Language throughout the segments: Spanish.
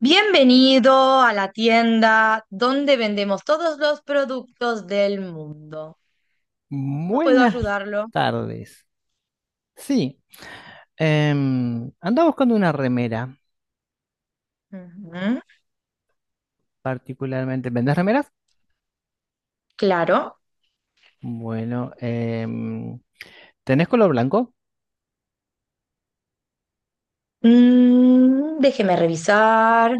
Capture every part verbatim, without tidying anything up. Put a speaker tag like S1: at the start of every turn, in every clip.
S1: Bienvenido a la tienda donde vendemos todos los productos del mundo. ¿Cómo puedo
S2: Buenas
S1: ayudarlo?
S2: tardes. Sí, em, andaba buscando una remera,
S1: Ujú.
S2: particularmente. ¿Vendés remeras?
S1: Claro.
S2: Bueno, em, ¿tenés color blanco?
S1: Mm, déjeme revisar.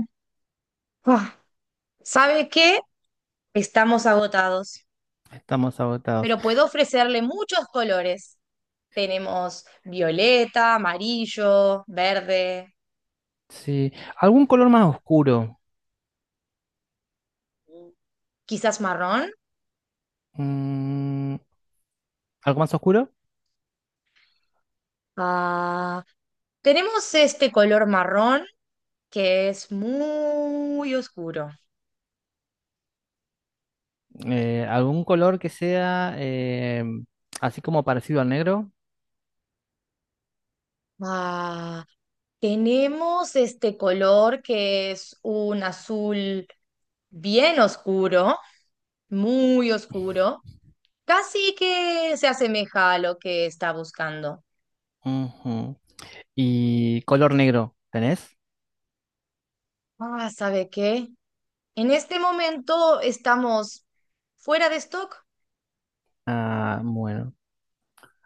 S1: Ah, ¿sabe qué? Estamos agotados,
S2: Estamos agotados.
S1: pero puedo ofrecerle muchos colores. Tenemos violeta, amarillo, verde,
S2: Sí, ¿algún color más oscuro?
S1: quizás marrón.
S2: Mm, ¿algo más oscuro?
S1: Ah, tenemos este color marrón que es muy oscuro.
S2: Eh, ¿algún color que sea em, así como parecido al negro?
S1: Ah, tenemos este color que es un azul bien oscuro, muy oscuro, casi que se asemeja a lo que está buscando.
S2: Ujú. ¿Y color negro? ¿Tenés?
S1: Ah, ¿sabe qué? En este momento estamos fuera de stock.
S2: Ah, bueno.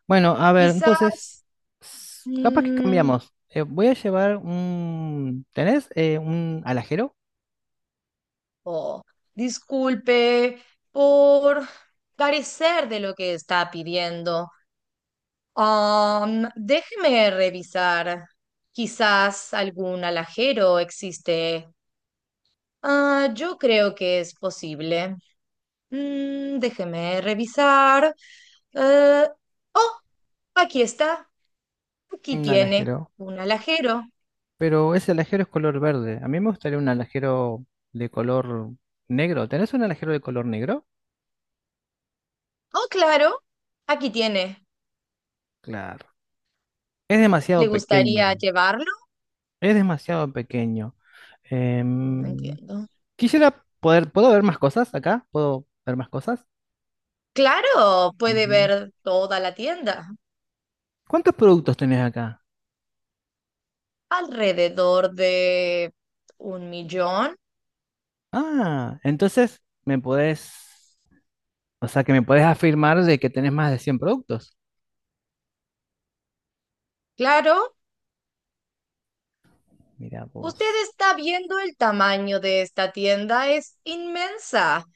S2: Bueno, a ver, entonces,
S1: Quizás
S2: s- capaz que
S1: mm,
S2: cambiamos. Eh, voy a llevar un... ¿Tenés eh, un alajero?
S1: o disculpe por carecer de lo que está pidiendo. Am, déjeme revisar. Quizás algún alajero existe. Ah, yo creo que es posible. Mm, déjeme revisar. Eh, oh, aquí está. Aquí
S2: Un
S1: tiene
S2: alajero.
S1: un alajero.
S2: Pero ese alajero es color verde. A mí me gustaría un alajero de color negro. ¿Tenés un alajero de color negro?
S1: Oh, claro. Aquí tiene.
S2: Claro. Es demasiado
S1: ¿Le
S2: pequeño.
S1: gustaría llevarlo?
S2: Es demasiado pequeño.
S1: No
S2: Em,
S1: entiendo.
S2: quisiera poder... ¿Puedo ver más cosas acá? ¿Puedo ver más cosas?
S1: Claro, puede
S2: Ujú.
S1: ver toda la tienda,
S2: ¿Cuántos productos tenés acá?
S1: alrededor de un millón.
S2: Ah, entonces me podés... O sea, que me puedes afirmar de que tenés más de cien productos.
S1: Claro,
S2: Mira
S1: usted
S2: vos.
S1: está viendo el tamaño de esta tienda, es inmensa.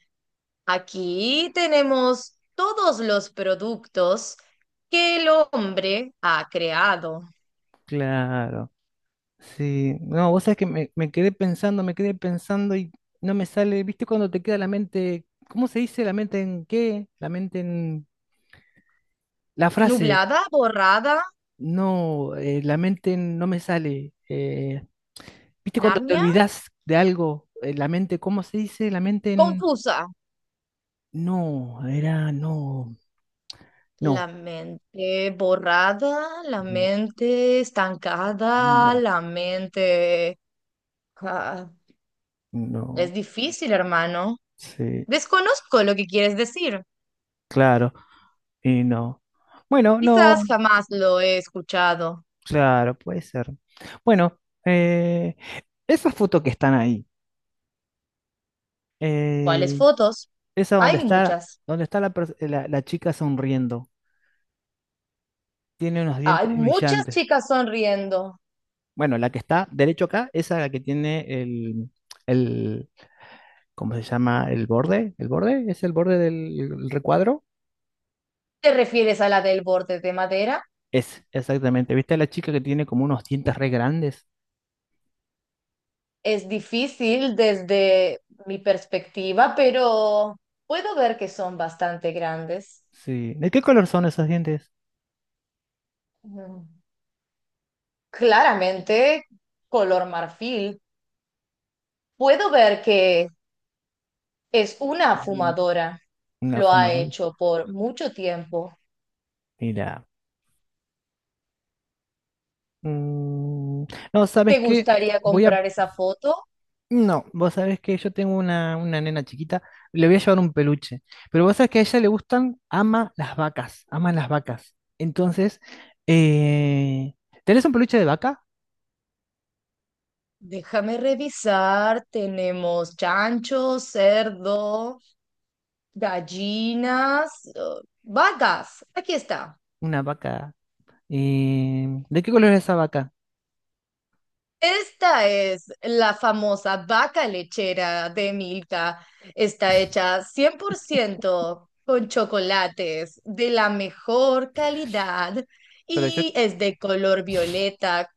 S1: Aquí tenemos todos los productos que el hombre ha creado.
S2: Claro. Sí. No, vos sabés que me, me quedé pensando, me quedé pensando y no me sale. ¿Viste cuando te queda la mente? ¿Cómo se dice? ¿La mente en qué? La mente en... La frase.
S1: Nublada, borrada.
S2: No, eh, la mente en- no me sale. Eh, ¿viste cuando te
S1: Narnia,
S2: olvidás de algo? Eh, la mente, ¿cómo se dice? La mente en...
S1: confusa.
S2: No, era no.
S1: La
S2: No.
S1: mente borrada, la mente estancada,
S2: No.
S1: la mente... Ah, es
S2: No.
S1: difícil, hermano.
S2: Sí.
S1: Desconozco lo que quieres decir.
S2: Claro. Y no. Bueno,
S1: Quizás
S2: no,
S1: jamás lo he escuchado.
S2: claro, puede ser. Bueno, eh, esas fotos que están ahí,
S1: ¿Cuáles
S2: eh,
S1: fotos?
S2: esa donde
S1: Hay
S2: está,
S1: muchas.
S2: donde está la, pers- la- la chica sonriendo, tiene unos
S1: Hay
S2: dientes
S1: muchas
S2: brillantes.
S1: chicas sonriendo.
S2: Bueno, la que está derecho acá, esa es la que tiene el, el, ¿cómo se llama? El borde, el borde, es el borde del el recuadro.
S1: ¿Te refieres a la del borde de madera?
S2: Es, exactamente. ¿Viste a la chica que tiene como unos dientes re grandes?
S1: Es difícil desde mi perspectiva, pero puedo ver que son bastante grandes.
S2: Sí. ¿De qué color son esos dientes?
S1: Mm. Claramente, color marfil. Puedo ver que es una
S2: Mm,
S1: fumadora,
S2: una
S1: lo ha
S2: fumadora.
S1: hecho por mucho tiempo.
S2: Mira. Mm, no,
S1: ¿Te
S2: ¿sabes qué?
S1: gustaría
S2: Voy a...
S1: comprar esa foto?
S2: No, vos sabés que yo tengo una, una nena chiquita, le voy a llevar un peluche, pero vos sabés que a ella le gustan, ama las vacas, ama las vacas. Entonces, eh, ¿tenés un peluche de vaca?
S1: Déjame revisar, tenemos chancho, cerdo, gallinas, eh, vacas. Aquí está.
S2: Una vaca. Eh, ¿de qué color es esa vaca?
S1: Esta es la famosa vaca lechera de Milka. Está hecha cien por ciento con chocolates de la mejor calidad
S2: Pero yo,
S1: y es de color violeta,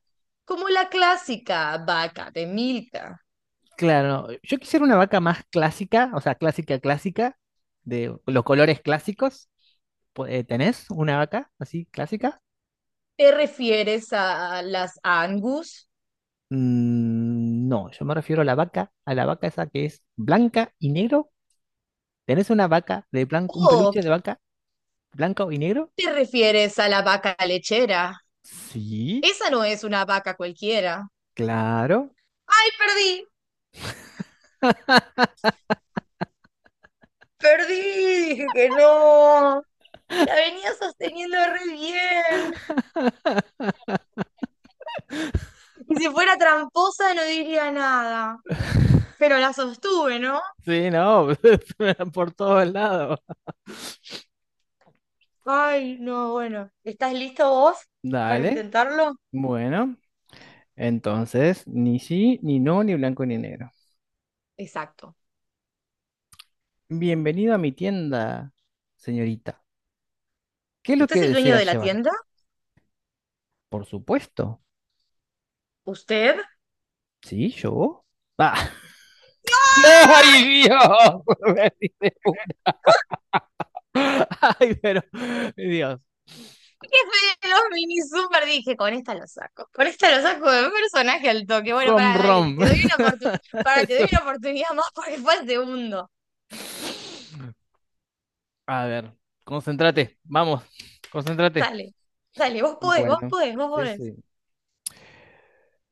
S1: como la clásica vaca de Milka.
S2: claro, yo quisiera una vaca más clásica, o sea, clásica, clásica, de los colores clásicos. Pu- eh, ¿Tenés una vaca así clásica?
S1: ¿Te refieres a las Angus
S2: Mm, no, yo me refiero a la vaca, a la vaca esa que es blanca y negro. ¿Tenés una vaca de blanco, un
S1: o
S2: peluche de vaca blanco y negro?
S1: te refieres a la vaca lechera?
S2: Sí,
S1: Esa no es una vaca cualquiera.
S2: claro.
S1: ¡Ay, perdí! Perdí, dije que no. La venía sosteniendo re bien. Y si fuera tramposa no diría nada. Pero la sostuve, ¿no?
S2: Sí, no, se me dan por todos lados.
S1: Ay, no, bueno. ¿Estás listo vos para
S2: Dale,
S1: intentarlo?
S2: bueno, entonces ni sí, ni no, ni blanco ni negro.
S1: Exacto.
S2: Bienvenido a mi tienda, señorita. ¿Qué es lo
S1: ¿Usted
S2: que
S1: es el dueño
S2: desea
S1: de la
S2: llevar?
S1: tienda?
S2: Por supuesto.
S1: ¿Usted? ¡Ah!
S2: Sí, yo. Ah. ¡Ay, Dios! Ay, pero, Dios,
S1: Jefe de los mini super, dije, con esta lo saco. Con esta lo saco de un personaje al toque. Bueno,
S2: home
S1: para, dale,
S2: run.
S1: te doy una oportu- para, te doy
S2: Eso.
S1: una oportunidad más porque fue el segundo.
S2: A ver, concéntrate, vamos, concéntrate.
S1: Dale, dale, vos podés, vos
S2: Bueno,
S1: podés, vos
S2: sí,
S1: podés.
S2: sí.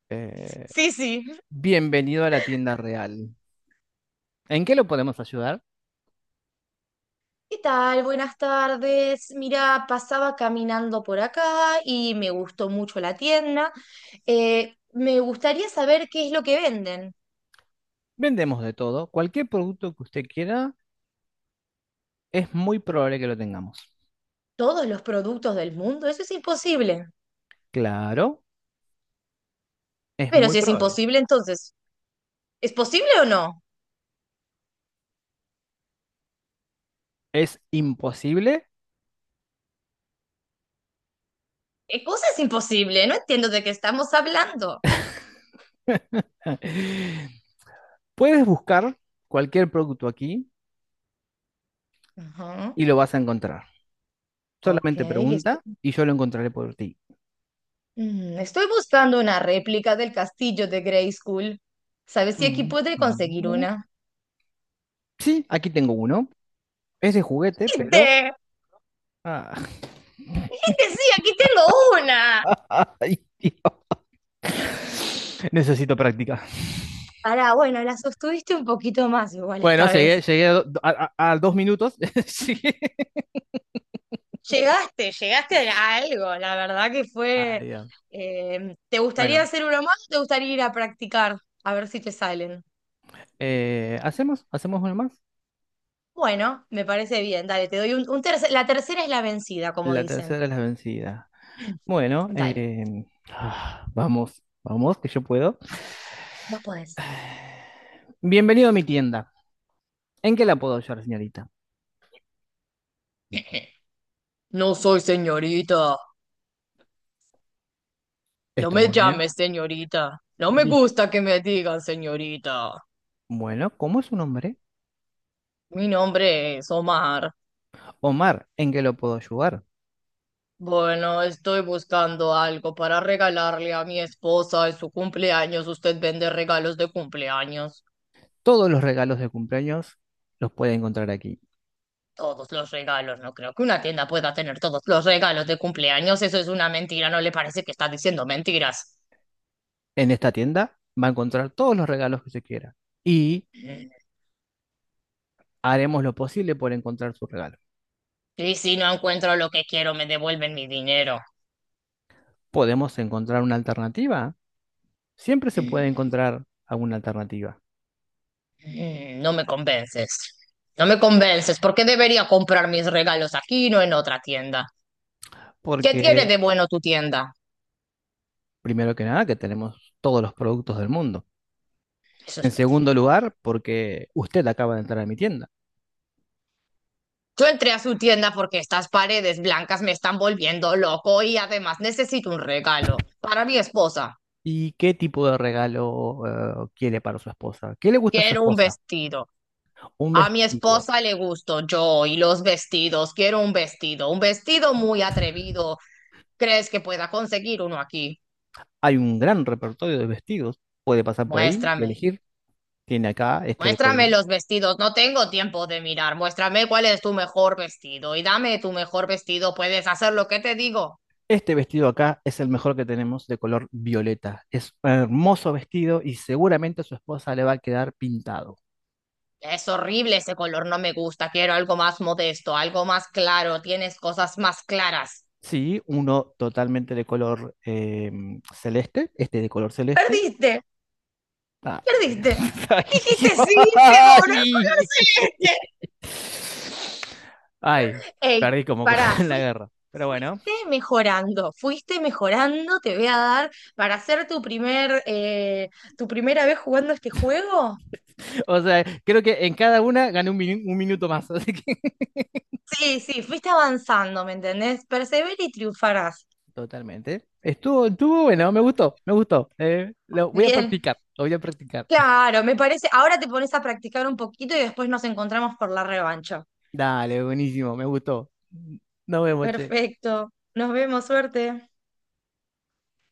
S2: Eh,
S1: Sí, sí.
S2: bienvenido a la tienda real. ¿En qué lo podemos ayudar?
S1: ¿Qué tal? Buenas tardes. Mira, pasaba caminando por acá y me gustó mucho la tienda. Eh, me gustaría saber qué es lo que venden.
S2: Vendemos de todo. Cualquier producto que usted quiera, es muy probable que lo tengamos.
S1: ¿Todos los productos del mundo? Eso es imposible.
S2: Claro, es
S1: Pero
S2: muy
S1: si es
S2: probable.
S1: imposible, entonces, ¿es posible o no?
S2: ¿Es imposible?
S1: ¿Qué cosa es imposible? No entiendo de qué estamos hablando.
S2: Puedes buscar cualquier producto aquí
S1: Ajá.
S2: y lo vas a encontrar.
S1: Ok,
S2: Solamente
S1: esto.
S2: pregunta y yo lo encontraré por ti.
S1: Mm, estoy buscando una réplica del castillo de Grayskull. ¿Sabes si aquí
S2: Mm,
S1: podré conseguir
S2: mm.
S1: una?
S2: Sí, aquí tengo uno. Es de juguete, pero...
S1: ¡Viste!
S2: ah,
S1: ¡Viste! Sí, aquí tengo una.
S2: Ay, Dios, necesito práctica.
S1: Ahora, bueno, la sostuviste un poquito más igual
S2: Bueno,
S1: esta
S2: llegué,
S1: vez.
S2: llegué a, do- a- a- a dos minutos. Sí.
S1: Llegaste, llegaste a algo. La verdad que
S2: Ah,
S1: fue.
S2: ya.
S1: eh, ¿te gustaría
S2: Bueno,
S1: hacer uno más o te gustaría ir a practicar? A ver si te salen.
S2: eh, ¿hacemos? ¿Hacemos una más?
S1: Bueno, me parece bien. Dale, te doy un, un tercer. La tercera es la vencida, como
S2: La
S1: dicen.
S2: tercera es la vencida. Bueno,
S1: Dale,
S2: eh, ah, vamos, vamos, que yo puedo.
S1: ah, vos podés.
S2: Bienvenido a mi tienda. ¿En qué la puedo ayudar, señorita?
S1: No soy señorita. No
S2: Está
S1: me
S2: muy bien.
S1: llame señorita. No me
S2: Di.
S1: gusta que me digan señorita.
S2: Bueno, ¿cómo es su nombre?
S1: Mi nombre es Omar.
S2: Omar, ¿en qué lo puedo ayudar?
S1: Bueno, estoy buscando algo para regalarle a mi esposa en su cumpleaños. Usted vende regalos de cumpleaños.
S2: Todos los regalos de cumpleaños los puede encontrar aquí.
S1: Todos los regalos. No creo que una tienda pueda tener todos los regalos de cumpleaños. Eso es una mentira. ¿No le parece que está diciendo mentiras?
S2: En esta tienda va a encontrar todos los regalos que se quiera y
S1: Mm.
S2: haremos lo posible por encontrar su regalo.
S1: Y si no encuentro lo que quiero, me devuelven mi dinero.
S2: ¿Podemos encontrar una alternativa? Siempre se puede
S1: Mm.
S2: encontrar alguna alternativa,
S1: Mm, no me convences. No me convences. ¿Por qué debería comprar mis regalos aquí y no en otra tienda? ¿Qué tiene
S2: porque
S1: de bueno tu tienda?
S2: primero que nada que tenemos todos los productos del mundo.
S1: Eso
S2: En
S1: es
S2: segundo
S1: mentira.
S2: lugar, porque usted acaba de entrar a mi tienda.
S1: Yo entré a su tienda porque estas paredes blancas me están volviendo loco y además necesito un regalo para mi esposa.
S2: ¿Y qué tipo de regalo eh, quiere para su esposa? ¿Qué le gusta a su
S1: Quiero un
S2: esposa?
S1: vestido.
S2: Un
S1: A mi
S2: vestido.
S1: esposa le gusto yo y los vestidos. Quiero un vestido. Un vestido muy atrevido. ¿Crees que pueda conseguir uno aquí?
S2: Hay un gran repertorio de vestidos. Puede pasar por ahí y
S1: Muéstrame.
S2: elegir. Tiene acá este de
S1: Muéstrame
S2: color.
S1: los vestidos, no tengo tiempo de mirar. Muéstrame cuál es tu mejor vestido y dame tu mejor vestido. Puedes hacer lo que te digo.
S2: Este vestido acá es el mejor que tenemos de color violeta. Es un hermoso vestido y seguramente a su esposa le va a quedar pintado.
S1: Es horrible ese color, no me gusta. Quiero algo más modesto, algo más claro. Tienes cosas más claras.
S2: Sí, uno totalmente de color eh, celeste, este de color celeste.
S1: Perdiste,
S2: Ah,
S1: perdiste.
S2: ay,
S1: Dijiste sí, te dono el color
S2: ay.
S1: celeste.
S2: Ay,
S1: Ey,
S2: perdí como
S1: pará,
S2: en la
S1: fui-
S2: guerra. Pero bueno,
S1: fuiste mejorando, fuiste mejorando. Te voy a dar para hacer tu primer, eh, tu primera vez jugando este juego.
S2: o sea, creo que en cada una gané un, minu- un minuto más. Así que
S1: Sí, sí, fuiste avanzando, ¿me entendés? Perseverar y triunfarás.
S2: totalmente. Estuvo, estuvo bueno, me gustó, me gustó. Eh, lo voy a
S1: Bien.
S2: practicar, lo voy a practicar.
S1: Claro, me parece. Ahora te pones a practicar un poquito y después nos encontramos por la revancha.
S2: Dale, buenísimo, me gustó. Nos vemos, che.
S1: Perfecto. Nos vemos, suerte.